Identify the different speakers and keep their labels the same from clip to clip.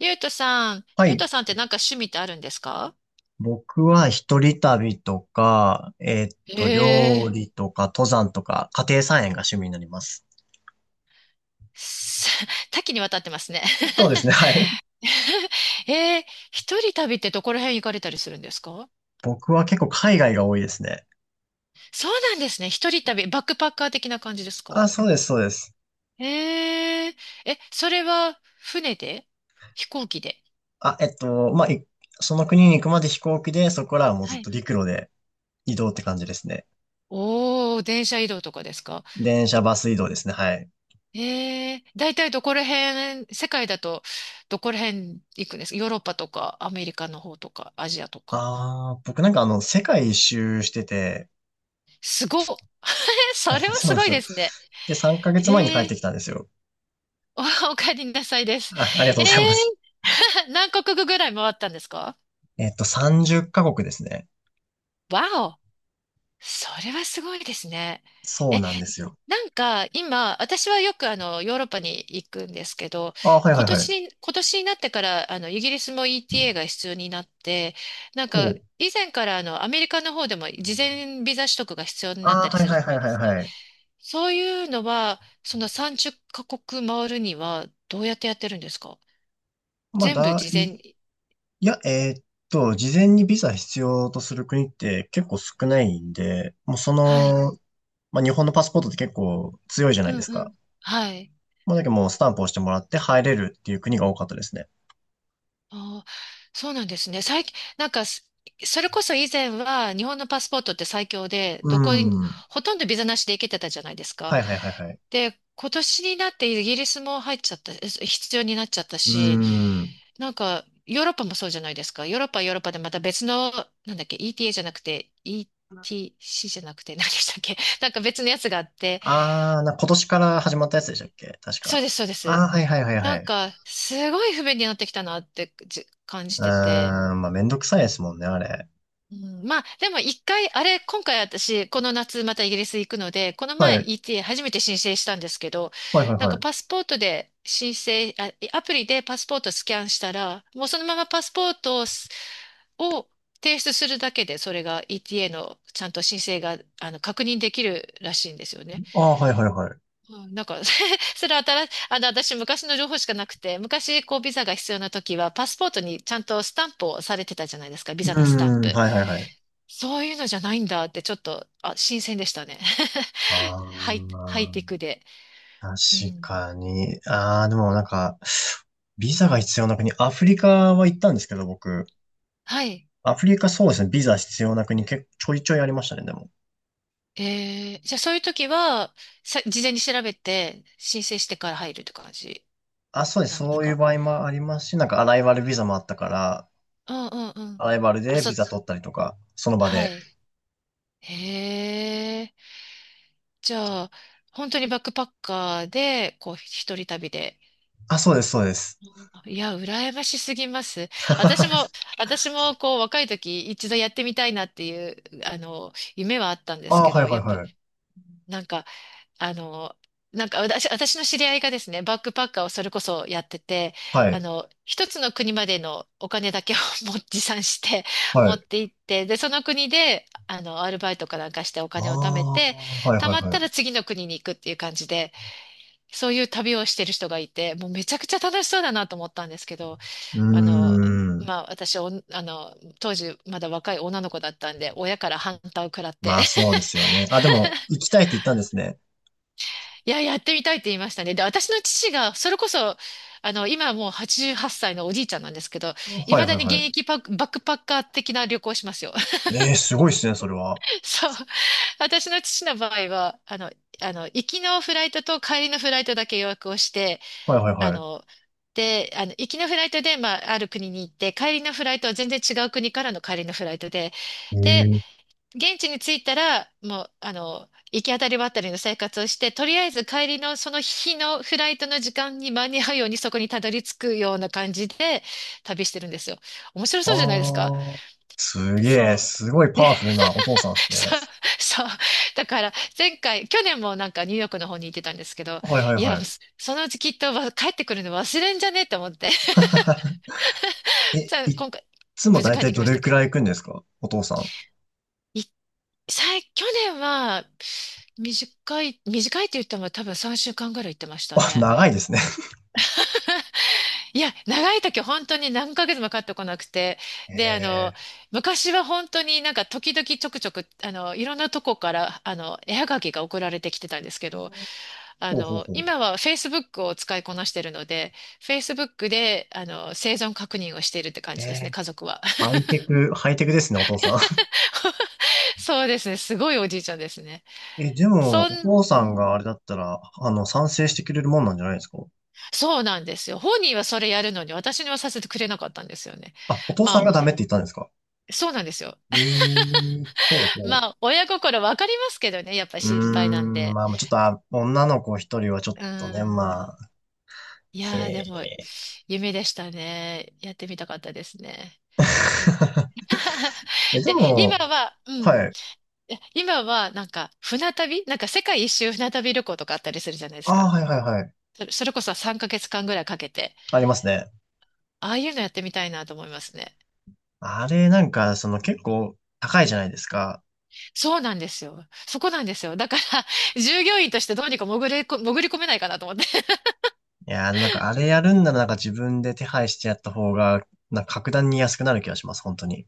Speaker 1: ゆうとさん、
Speaker 2: は
Speaker 1: ゆう
Speaker 2: い。
Speaker 1: とさんってなんか趣味ってあるんですか？
Speaker 2: 僕は一人旅とか、
Speaker 1: え
Speaker 2: 料
Speaker 1: え、
Speaker 2: 理とか、登山とか、家庭菜園が趣味になります。
Speaker 1: す 多岐にわたってますね。
Speaker 2: そうですね、はい。
Speaker 1: ええ、一人旅ってどこら辺行かれたりするんですか？
Speaker 2: 僕は結構海外が多いですね。
Speaker 1: そうなんですね。一人旅、バックパッカー的な感じです
Speaker 2: あ、
Speaker 1: か？
Speaker 2: そうです、そうです。
Speaker 1: ええ、え、それは船で？飛行機で？
Speaker 2: あ、えっと、まあ、いその国に行くまで飛行機で、そこからはもうず
Speaker 1: は
Speaker 2: っと
Speaker 1: い。
Speaker 2: 陸路で移動って感じですね。
Speaker 1: おー、電車移動とかですか？
Speaker 2: 電車、バス移動ですね、はい。
Speaker 1: ええ、だいたいどこら辺、世界だとどこら辺行くんですか？ヨーロッパとかアメリカの方とかアジアとか。
Speaker 2: ああ、僕なんかあの、世界一周してて、
Speaker 1: すごっ。それは
Speaker 2: そう
Speaker 1: す
Speaker 2: なんで
Speaker 1: ご
Speaker 2: す
Speaker 1: い
Speaker 2: よ。
Speaker 1: ですね。
Speaker 2: で、3ヶ月前に帰
Speaker 1: へ
Speaker 2: っ
Speaker 1: え、
Speaker 2: てきたんですよ。
Speaker 1: お帰りなさいです。
Speaker 2: あ、ありがと
Speaker 1: え
Speaker 2: うございま
Speaker 1: え、
Speaker 2: す。
Speaker 1: 何カ国ぐらい回ったんですか？
Speaker 2: えっと、30カ国ですね。
Speaker 1: わお、それはすごいですね。
Speaker 2: そう
Speaker 1: え、
Speaker 2: なんですよ。
Speaker 1: なんか今、私はよくヨーロッパに行くんですけど、
Speaker 2: ああ、はいはい
Speaker 1: 今
Speaker 2: はい。
Speaker 1: 年に、今年になってから、イギリスも ETA が必要になって、なん
Speaker 2: ほ
Speaker 1: か、
Speaker 2: う。
Speaker 1: 以前からアメリカの方でも事前ビザ取得が必要になっ
Speaker 2: あ
Speaker 1: た
Speaker 2: あ、
Speaker 1: り
Speaker 2: はい
Speaker 1: する
Speaker 2: はい
Speaker 1: じゃ
Speaker 2: は
Speaker 1: な
Speaker 2: い
Speaker 1: いで
Speaker 2: はい
Speaker 1: すか。
Speaker 2: はい。
Speaker 1: そういうのは、その30カ国回るにはどうやってやってるんですか？
Speaker 2: まあ、
Speaker 1: 全部
Speaker 2: だ
Speaker 1: 事前
Speaker 2: い、
Speaker 1: に。
Speaker 2: いや、えーっと、事前にビザ必要とする国って結構少ないんで、もうそ
Speaker 1: はい。
Speaker 2: の、まあ、日本のパスポートって結構強いじゃな
Speaker 1: う
Speaker 2: いで
Speaker 1: ん
Speaker 2: す
Speaker 1: う
Speaker 2: か。
Speaker 1: ん。はい。
Speaker 2: もうだけどもうスタンプを押してもらって入れるっていう国が多かったですね。
Speaker 1: あー、そうなんですね。最近、なんかす、それこそ以前は日本のパスポートって最強で、
Speaker 2: う
Speaker 1: どこに、
Speaker 2: ん。は
Speaker 1: ほとんどビザなしで行けてたじゃないです
Speaker 2: い
Speaker 1: か。
Speaker 2: はいはいはい。
Speaker 1: で、今年になってイギリスも入っちゃった、必要になっちゃった
Speaker 2: う
Speaker 1: し、
Speaker 2: ん。
Speaker 1: なんか、ヨーロッパもそうじゃないですか。ヨーロッパはヨーロッパでまた別の、なんだっけ、ETA じゃなくて、ETC じゃなくて、何でしたっけ。なんか別のやつがあって、
Speaker 2: ああ、な、今年から始まったやつでしたっけ確
Speaker 1: そ
Speaker 2: か。
Speaker 1: うです、そうで
Speaker 2: ああ、
Speaker 1: す。
Speaker 2: はいはいはいは
Speaker 1: なん
Speaker 2: い。
Speaker 1: か、すごい不便になってきたなって感
Speaker 2: うー
Speaker 1: じてて、
Speaker 2: ん、まあ、めんどくさいですもんね、あれ。
Speaker 1: うん、まあ、でも一回、あれ、今回私、この夏またイギリス行くので、この
Speaker 2: は
Speaker 1: 前
Speaker 2: い。
Speaker 1: ETA 初めて申請したんですけど、
Speaker 2: はいはい
Speaker 1: なん
Speaker 2: は
Speaker 1: か
Speaker 2: い。
Speaker 1: パスポートで申請、あ、アプリでパスポートスキャンしたら、もうそのままパスポートを提出するだけで、それが ETA のちゃんと申請が、確認できるらしいんですよね。
Speaker 2: ああ、はいはいはい。
Speaker 1: うん、なんか それは新し、あの、私昔の情報しかなくて、昔こうビザが必要な時は、パスポートにちゃんとスタンプをされてたじゃないですか、ビ
Speaker 2: う
Speaker 1: ザのスタン
Speaker 2: ーん、
Speaker 1: プ。
Speaker 2: はいはいはい。
Speaker 1: そういうのじゃないんだってちょっと、あ、新鮮でしたね。ハ
Speaker 2: あ
Speaker 1: イ、ハイテク
Speaker 2: ー、
Speaker 1: で。
Speaker 2: 確
Speaker 1: うん。
Speaker 2: かに。あー、でもなんか、ビザが必要な国、アフリカは行ったんですけど、僕。
Speaker 1: はい。
Speaker 2: アフリカそうですね、ビザ必要な国結構ちょいちょいありましたね、でも。
Speaker 1: じゃあそういう時は、事前に調べて申請してから入るって感じ
Speaker 2: あ、そうです、
Speaker 1: なんです
Speaker 2: そういう
Speaker 1: か？
Speaker 2: 場合もありますし、なんかアライバルビザもあったから、
Speaker 1: うんうんう
Speaker 2: ア
Speaker 1: ん。
Speaker 2: ライバル
Speaker 1: あ、
Speaker 2: で
Speaker 1: そ
Speaker 2: ビ
Speaker 1: う、
Speaker 2: ザ取ったりとか、その場
Speaker 1: は
Speaker 2: で。
Speaker 1: い。へえ。じゃあ、本当にバックパッカーで、こう、一人旅で。
Speaker 2: あ、そうです、そうです。
Speaker 1: いや、羨ましすぎます。私
Speaker 2: あ
Speaker 1: も、私も、こう、若い時、一度やってみたいなっていう、夢はあったんで
Speaker 2: ー、
Speaker 1: す
Speaker 2: は
Speaker 1: け
Speaker 2: い
Speaker 1: ど、
Speaker 2: は
Speaker 1: や
Speaker 2: い
Speaker 1: っぱ、
Speaker 2: はい。
Speaker 1: なんか、あの、なんか私の知り合いがですね、バックパッカーをそれこそやってて、
Speaker 2: はい、
Speaker 1: 一つの国までのお金だけを 持参して
Speaker 2: は
Speaker 1: 持
Speaker 2: い。
Speaker 1: って行って、で、その国で、アルバイトかなんかしてお金を貯め
Speaker 2: あ
Speaker 1: て、
Speaker 2: ー、はい
Speaker 1: 貯
Speaker 2: はい
Speaker 1: まっ
Speaker 2: は
Speaker 1: たら
Speaker 2: い。
Speaker 1: 次の国に行くっていう感じで、そういう旅をしてる人がいて、もうめちゃくちゃ楽しそうだなと思ったんですけど、
Speaker 2: うー
Speaker 1: あの、
Speaker 2: ん。
Speaker 1: まあ私おあの、当時まだ若い女の子だったんで、親から反対を食らって、
Speaker 2: まあそうですよね。あ、でも、行きたいって言ったんですね。
Speaker 1: いや、やってみたいって言いましたね。で、私の父が、それこそ、今はもう88歳のおじいちゃんなんですけど、い
Speaker 2: はい
Speaker 1: まだ
Speaker 2: はい
Speaker 1: に現
Speaker 2: はい。
Speaker 1: 役バックパッカー的な旅行をしますよ。
Speaker 2: ええ、すごいっすね、それは。
Speaker 1: そう。私の父の場合は、行きのフライトと帰りのフライトだけ予約をして、
Speaker 2: はいはい
Speaker 1: あ
Speaker 2: はい。
Speaker 1: の、で、行きのフライトで、まあ、ある国に行って、帰りのフライトは全然違う国からの帰りのフライトで、
Speaker 2: う
Speaker 1: で、
Speaker 2: ん。
Speaker 1: 現地に着いたら、もう、行き当たりばったりの生活をして、とりあえず帰りのその日のフライトの時間に間に合うようにそこにたどり着くような感じで旅してるんですよ。面白
Speaker 2: あ
Speaker 1: そうじゃないですか。
Speaker 2: あ、す
Speaker 1: で
Speaker 2: げ
Speaker 1: そ
Speaker 2: え、
Speaker 1: う。
Speaker 2: すごい
Speaker 1: で、
Speaker 2: パワフルなお父 さんですね。
Speaker 1: そう、そう。だから、前回、去年もなんかニューヨークの方に行ってたんですけど、
Speaker 2: はいはい
Speaker 1: いや、
Speaker 2: はい。
Speaker 1: そのうちきっと帰ってくるの忘れんじゃねえと思って。
Speaker 2: え、
Speaker 1: じゃあ、
Speaker 2: いっ
Speaker 1: 今回、
Speaker 2: つも
Speaker 1: 無事
Speaker 2: だい
Speaker 1: 帰っ
Speaker 2: たい
Speaker 1: てき
Speaker 2: ど
Speaker 1: まし
Speaker 2: れ
Speaker 1: た
Speaker 2: く
Speaker 1: け
Speaker 2: ら
Speaker 1: ど。
Speaker 2: い行くんですか、お父さん。
Speaker 1: 去年は、短いって言っても多分3週間ぐらい行ってました
Speaker 2: あ、
Speaker 1: ね。
Speaker 2: 長いですね。
Speaker 1: いや、長い時本当に何ヶ月も帰ってこなくて。
Speaker 2: え
Speaker 1: で、
Speaker 2: え、
Speaker 1: 昔は本当になんか時々ちょくちょく、いろんなとこから、絵はがきが送られてきてたんですけど、
Speaker 2: ほうほうほう。
Speaker 1: 今は Facebook を使いこなしてるので、Facebook で、生存確認をしているって感
Speaker 2: え
Speaker 1: じですね、
Speaker 2: え、
Speaker 1: 家族は。
Speaker 2: ハイテク、ハイテクですね、お父さん。
Speaker 1: そうですね、すごいおじいちゃんですね。
Speaker 2: え、でも、
Speaker 1: う
Speaker 2: お
Speaker 1: ん、
Speaker 2: 父さんがあれだったら、あの、賛成してくれるもんなんじゃないですか？
Speaker 1: そうなんですよ。本人はそれやるのに、私にはさせてくれなかったんですよね。
Speaker 2: あ、お父さん
Speaker 1: ま
Speaker 2: が
Speaker 1: あ、
Speaker 2: ダメって言ったんですか？
Speaker 1: そうなんですよ。
Speaker 2: ええ、ほうほう。
Speaker 1: まあ、親心わかりますけどね、やっぱり
Speaker 2: うー
Speaker 1: 心配なん
Speaker 2: ん、
Speaker 1: で。
Speaker 2: まあ、ちょっと、あ、女の子一人はちょっ
Speaker 1: う
Speaker 2: とね、ま
Speaker 1: ーん。
Speaker 2: あ、
Speaker 1: い
Speaker 2: へ
Speaker 1: やー、でも、
Speaker 2: え。
Speaker 1: 夢でしたね。やってみたかったですね。え
Speaker 2: え、で
Speaker 1: で、
Speaker 2: も、
Speaker 1: 今は、うん。
Speaker 2: はい。
Speaker 1: 今は、なんか、船旅なんか世界一周船旅旅行とかあったりするじゃないで
Speaker 2: あ
Speaker 1: す
Speaker 2: あ、
Speaker 1: か。
Speaker 2: はいはいはい。
Speaker 1: それこそ3ヶ月間ぐらいかけて、
Speaker 2: ありますね。
Speaker 1: ああいうのやってみたいなと思いますね。
Speaker 2: あれ、なんか、その結構高いじゃないですか。
Speaker 1: そうなんですよ。そこなんですよ。だから、従業員としてどうにか潜れこ、潜り込めないかなと思って。
Speaker 2: いやー、なんかあれやるんならなんか自分で手配してやった方が、なんか格段に安くなる気がします、本当に。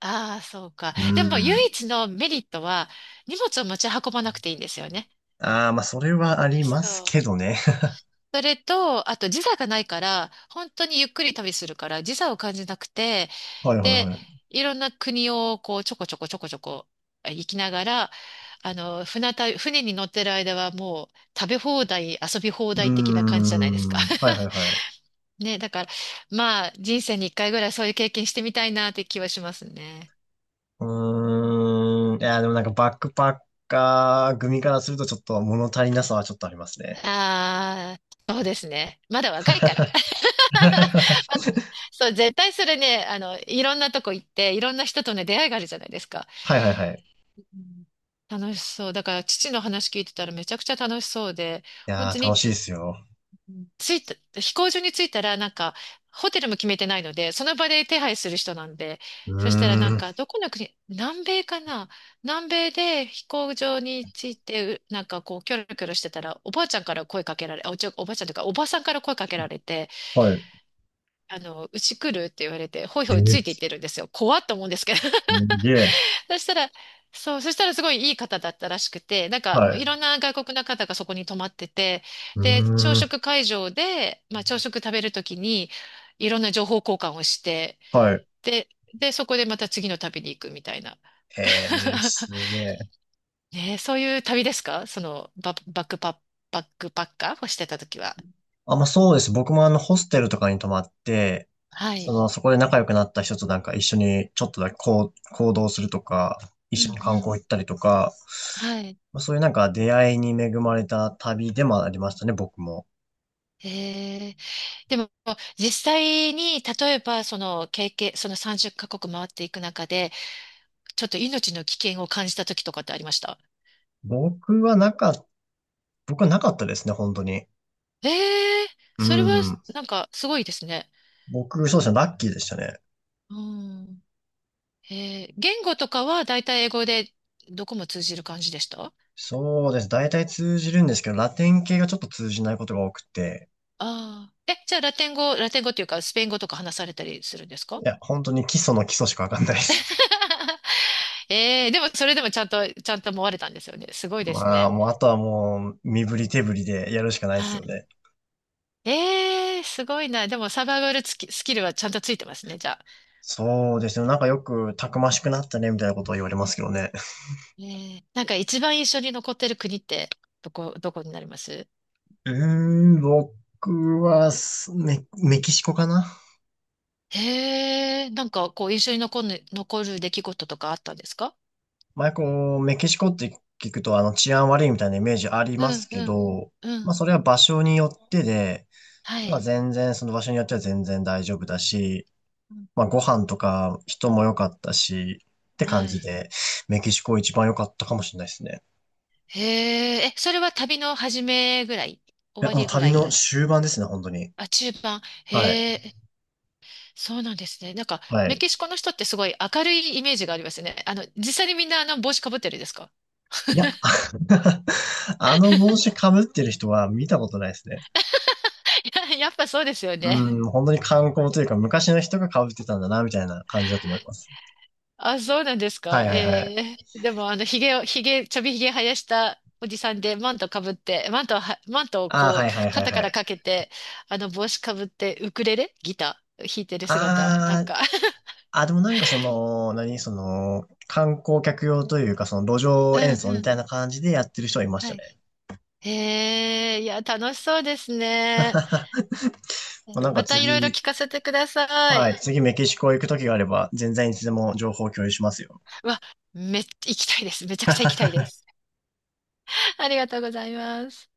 Speaker 1: ああ、そうか。
Speaker 2: うー
Speaker 1: でも、唯
Speaker 2: ん。
Speaker 1: 一のメリットは、荷物を持ち運ばなくていいんですよね。
Speaker 2: ああ、まあ、それはあります
Speaker 1: そう。
Speaker 2: けどね。
Speaker 1: それと、あと時差がないから、本当にゆっくり旅するから、時差を感じなくて、
Speaker 2: はいはい
Speaker 1: で、
Speaker 2: はい。
Speaker 1: いろんな国をこう、ちょこちょこちょこちょこ行きながら、船旅、船に乗ってる間はもう、食べ放題、遊び放
Speaker 2: うー
Speaker 1: 題的な感じじゃないですか。
Speaker 2: ん。はいはいはい。
Speaker 1: ね、だから、まあ、人生に一回ぐらいそういう経験してみたいなって気はしますね。
Speaker 2: うーん。いや、でもなんかバックパッカー組からするとちょっと物足りなさはちょっとありますね。
Speaker 1: ああ、そうですね。まだ若いから。そう、絶対それね、いろんなとこ行って、いろんな人とね、出会いがあるじゃないですか。
Speaker 2: はいはいはい。
Speaker 1: うん、楽しそう。だから、父の話聞いてたらめちゃくちゃ楽しそうで、
Speaker 2: い
Speaker 1: 本
Speaker 2: や
Speaker 1: 当
Speaker 2: ー、
Speaker 1: に
Speaker 2: 楽しいですよ。
Speaker 1: 着いた、飛行場に着いたら、なんか、ホテルも決めてないので、その場で手配する人なんで、
Speaker 2: う
Speaker 1: そしたらなん
Speaker 2: ーん。
Speaker 1: か、どこの国、南米かな、南米で飛行場に着いて、なんかこう、キョロキョロしてたら、おばあちゃんから声かけられ、おばあちゃんというか、おばさんから声かけられて、
Speaker 2: はい。
Speaker 1: うち来るって言われて、ほい
Speaker 2: え
Speaker 1: ほいつい
Speaker 2: ー、
Speaker 1: ていっ
Speaker 2: す
Speaker 1: てるんですよ。怖っと思うんですけど、
Speaker 2: げえ。
Speaker 1: そしたら、そう、そしたらすごいいい方だったらしくて、なんか
Speaker 2: はい。
Speaker 1: いろんな外国の方がそこに泊まってて、
Speaker 2: う
Speaker 1: で、朝
Speaker 2: ーん。
Speaker 1: 食会場で、まあ朝食食べるときにいろんな情報交換をして、
Speaker 2: はい。
Speaker 1: で、そこでまた次の旅に行くみたいな。
Speaker 2: えー、すげえ。
Speaker 1: ねえ、そういう旅ですか、そのバックパッカーをしてたときは。
Speaker 2: あ、まあそうです。僕もあの、ホステルとかに泊まって、
Speaker 1: は
Speaker 2: そ
Speaker 1: い。
Speaker 2: の、そこで仲良くなった人となんか一緒にちょっとだけこう、行動するとか、一
Speaker 1: うん
Speaker 2: 緒に観
Speaker 1: う
Speaker 2: 光
Speaker 1: ん。
Speaker 2: 行ったりとか、
Speaker 1: はい。
Speaker 2: まあ、そういうなんか出会いに恵まれた旅でもありましたね、僕も。
Speaker 1: えー、でも実際に例えばその経験、その30カ国回っていく中でちょっと命の危険を感じた時とかってありました？
Speaker 2: 僕はなか、僕はなかったですね、本当に。
Speaker 1: ええ、
Speaker 2: う
Speaker 1: それは
Speaker 2: ん。
Speaker 1: なんかすごいですね。
Speaker 2: 僕、そうですね、ラッキーでしたね。
Speaker 1: うん。言語とかはだいたい英語でどこも通じる感じでしたあ？
Speaker 2: そうです。大体通じるんですけど、ラテン系がちょっと通じないことが多くて、
Speaker 1: あー。え、じゃあラテン語、ラテン語っていうかスペイン語とか話されたりするんです
Speaker 2: い
Speaker 1: か？
Speaker 2: や、本当に基礎の基礎しかわかんないです。
Speaker 1: ええ、でもそれでもちゃんと思われたんですよね。すごいです
Speaker 2: まあ、
Speaker 1: ね。
Speaker 2: もう、あとはもう、身振り手振りでやるしかないです
Speaker 1: は
Speaker 2: よ
Speaker 1: い。
Speaker 2: ね。
Speaker 1: ええ、すごいな。でもサバイバルつきスキルはちゃんとついてますね、じゃあ。
Speaker 2: そうですね。なんかよく、たくましくなったね、みたいなことを言われますけどね。
Speaker 1: ええ、なんか一番印象に残ってる国ってどこになります？
Speaker 2: うーん、僕はす、メ、メキシコかな。
Speaker 1: へえ、なんかこう印象に残る出来事とかあったんですか？
Speaker 2: 前、こう、メキシコって聞くと、あの、治安悪いみたいなイメージあり
Speaker 1: う
Speaker 2: ます
Speaker 1: ん
Speaker 2: け
Speaker 1: うん。
Speaker 2: ど、
Speaker 1: う
Speaker 2: まあ、
Speaker 1: ん。
Speaker 2: それは場所によってで、
Speaker 1: は
Speaker 2: まあ、
Speaker 1: い。
Speaker 2: 全然、その場所によっては全然大丈夫だし、
Speaker 1: うん、
Speaker 2: まあ、ご飯とか人も良かったし、って感
Speaker 1: は
Speaker 2: じ
Speaker 1: い。
Speaker 2: で、メキシコ一番良かったかもしれないですね。
Speaker 1: へえ、え、それは旅の始めぐらい？終
Speaker 2: や、
Speaker 1: わ
Speaker 2: もう
Speaker 1: りぐら
Speaker 2: 旅の
Speaker 1: い？
Speaker 2: 終盤ですね、本当に。
Speaker 1: あ、中盤。
Speaker 2: はい。
Speaker 1: へえ、そうなんですね。なんか、
Speaker 2: は
Speaker 1: メ
Speaker 2: い。
Speaker 1: キシコの人ってすごい明るいイメージがありますよね。実際にみんなあの帽子かぶってるんですか？
Speaker 2: いや、あの帽子被ってる人は見たことないですね。
Speaker 1: いや、やっぱそうですよ
Speaker 2: う
Speaker 1: ね。
Speaker 2: ん、本当に観光というか、昔の人が被ってたんだな、みたいな感じだと思います。
Speaker 1: あ、そうなんです
Speaker 2: は
Speaker 1: か。
Speaker 2: いはいはい。
Speaker 1: ええ、でも、ひげを、ひげ、ちょびひげ生やしたおじさんで、マントかぶって、マントをは、マントを
Speaker 2: ああ、
Speaker 1: こ
Speaker 2: はいは
Speaker 1: う、
Speaker 2: いはい
Speaker 1: 肩か
Speaker 2: は
Speaker 1: ら
Speaker 2: い。
Speaker 1: かけて、帽子かぶって、ウクレレ、ギター弾いてる姿、なん
Speaker 2: あ
Speaker 1: か
Speaker 2: あ、あ、でもなんかその、何、その、観光客用というか、その路
Speaker 1: う
Speaker 2: 上演
Speaker 1: ん
Speaker 2: 奏
Speaker 1: う
Speaker 2: み
Speaker 1: ん。
Speaker 2: たいな感じでやってる人はいまし
Speaker 1: は
Speaker 2: た
Speaker 1: い。
Speaker 2: ね。
Speaker 1: へえ、いや、楽しそうですね。
Speaker 2: まあなんか
Speaker 1: またいろいろ
Speaker 2: 次、
Speaker 1: 聞かせてくださ
Speaker 2: は
Speaker 1: い。
Speaker 2: い、次メキシコ行く時があれば、全然いつでも情報共有しますよ。
Speaker 1: うわ、行きたいです。めちゃくちゃ行きたいです。ありがとうございます。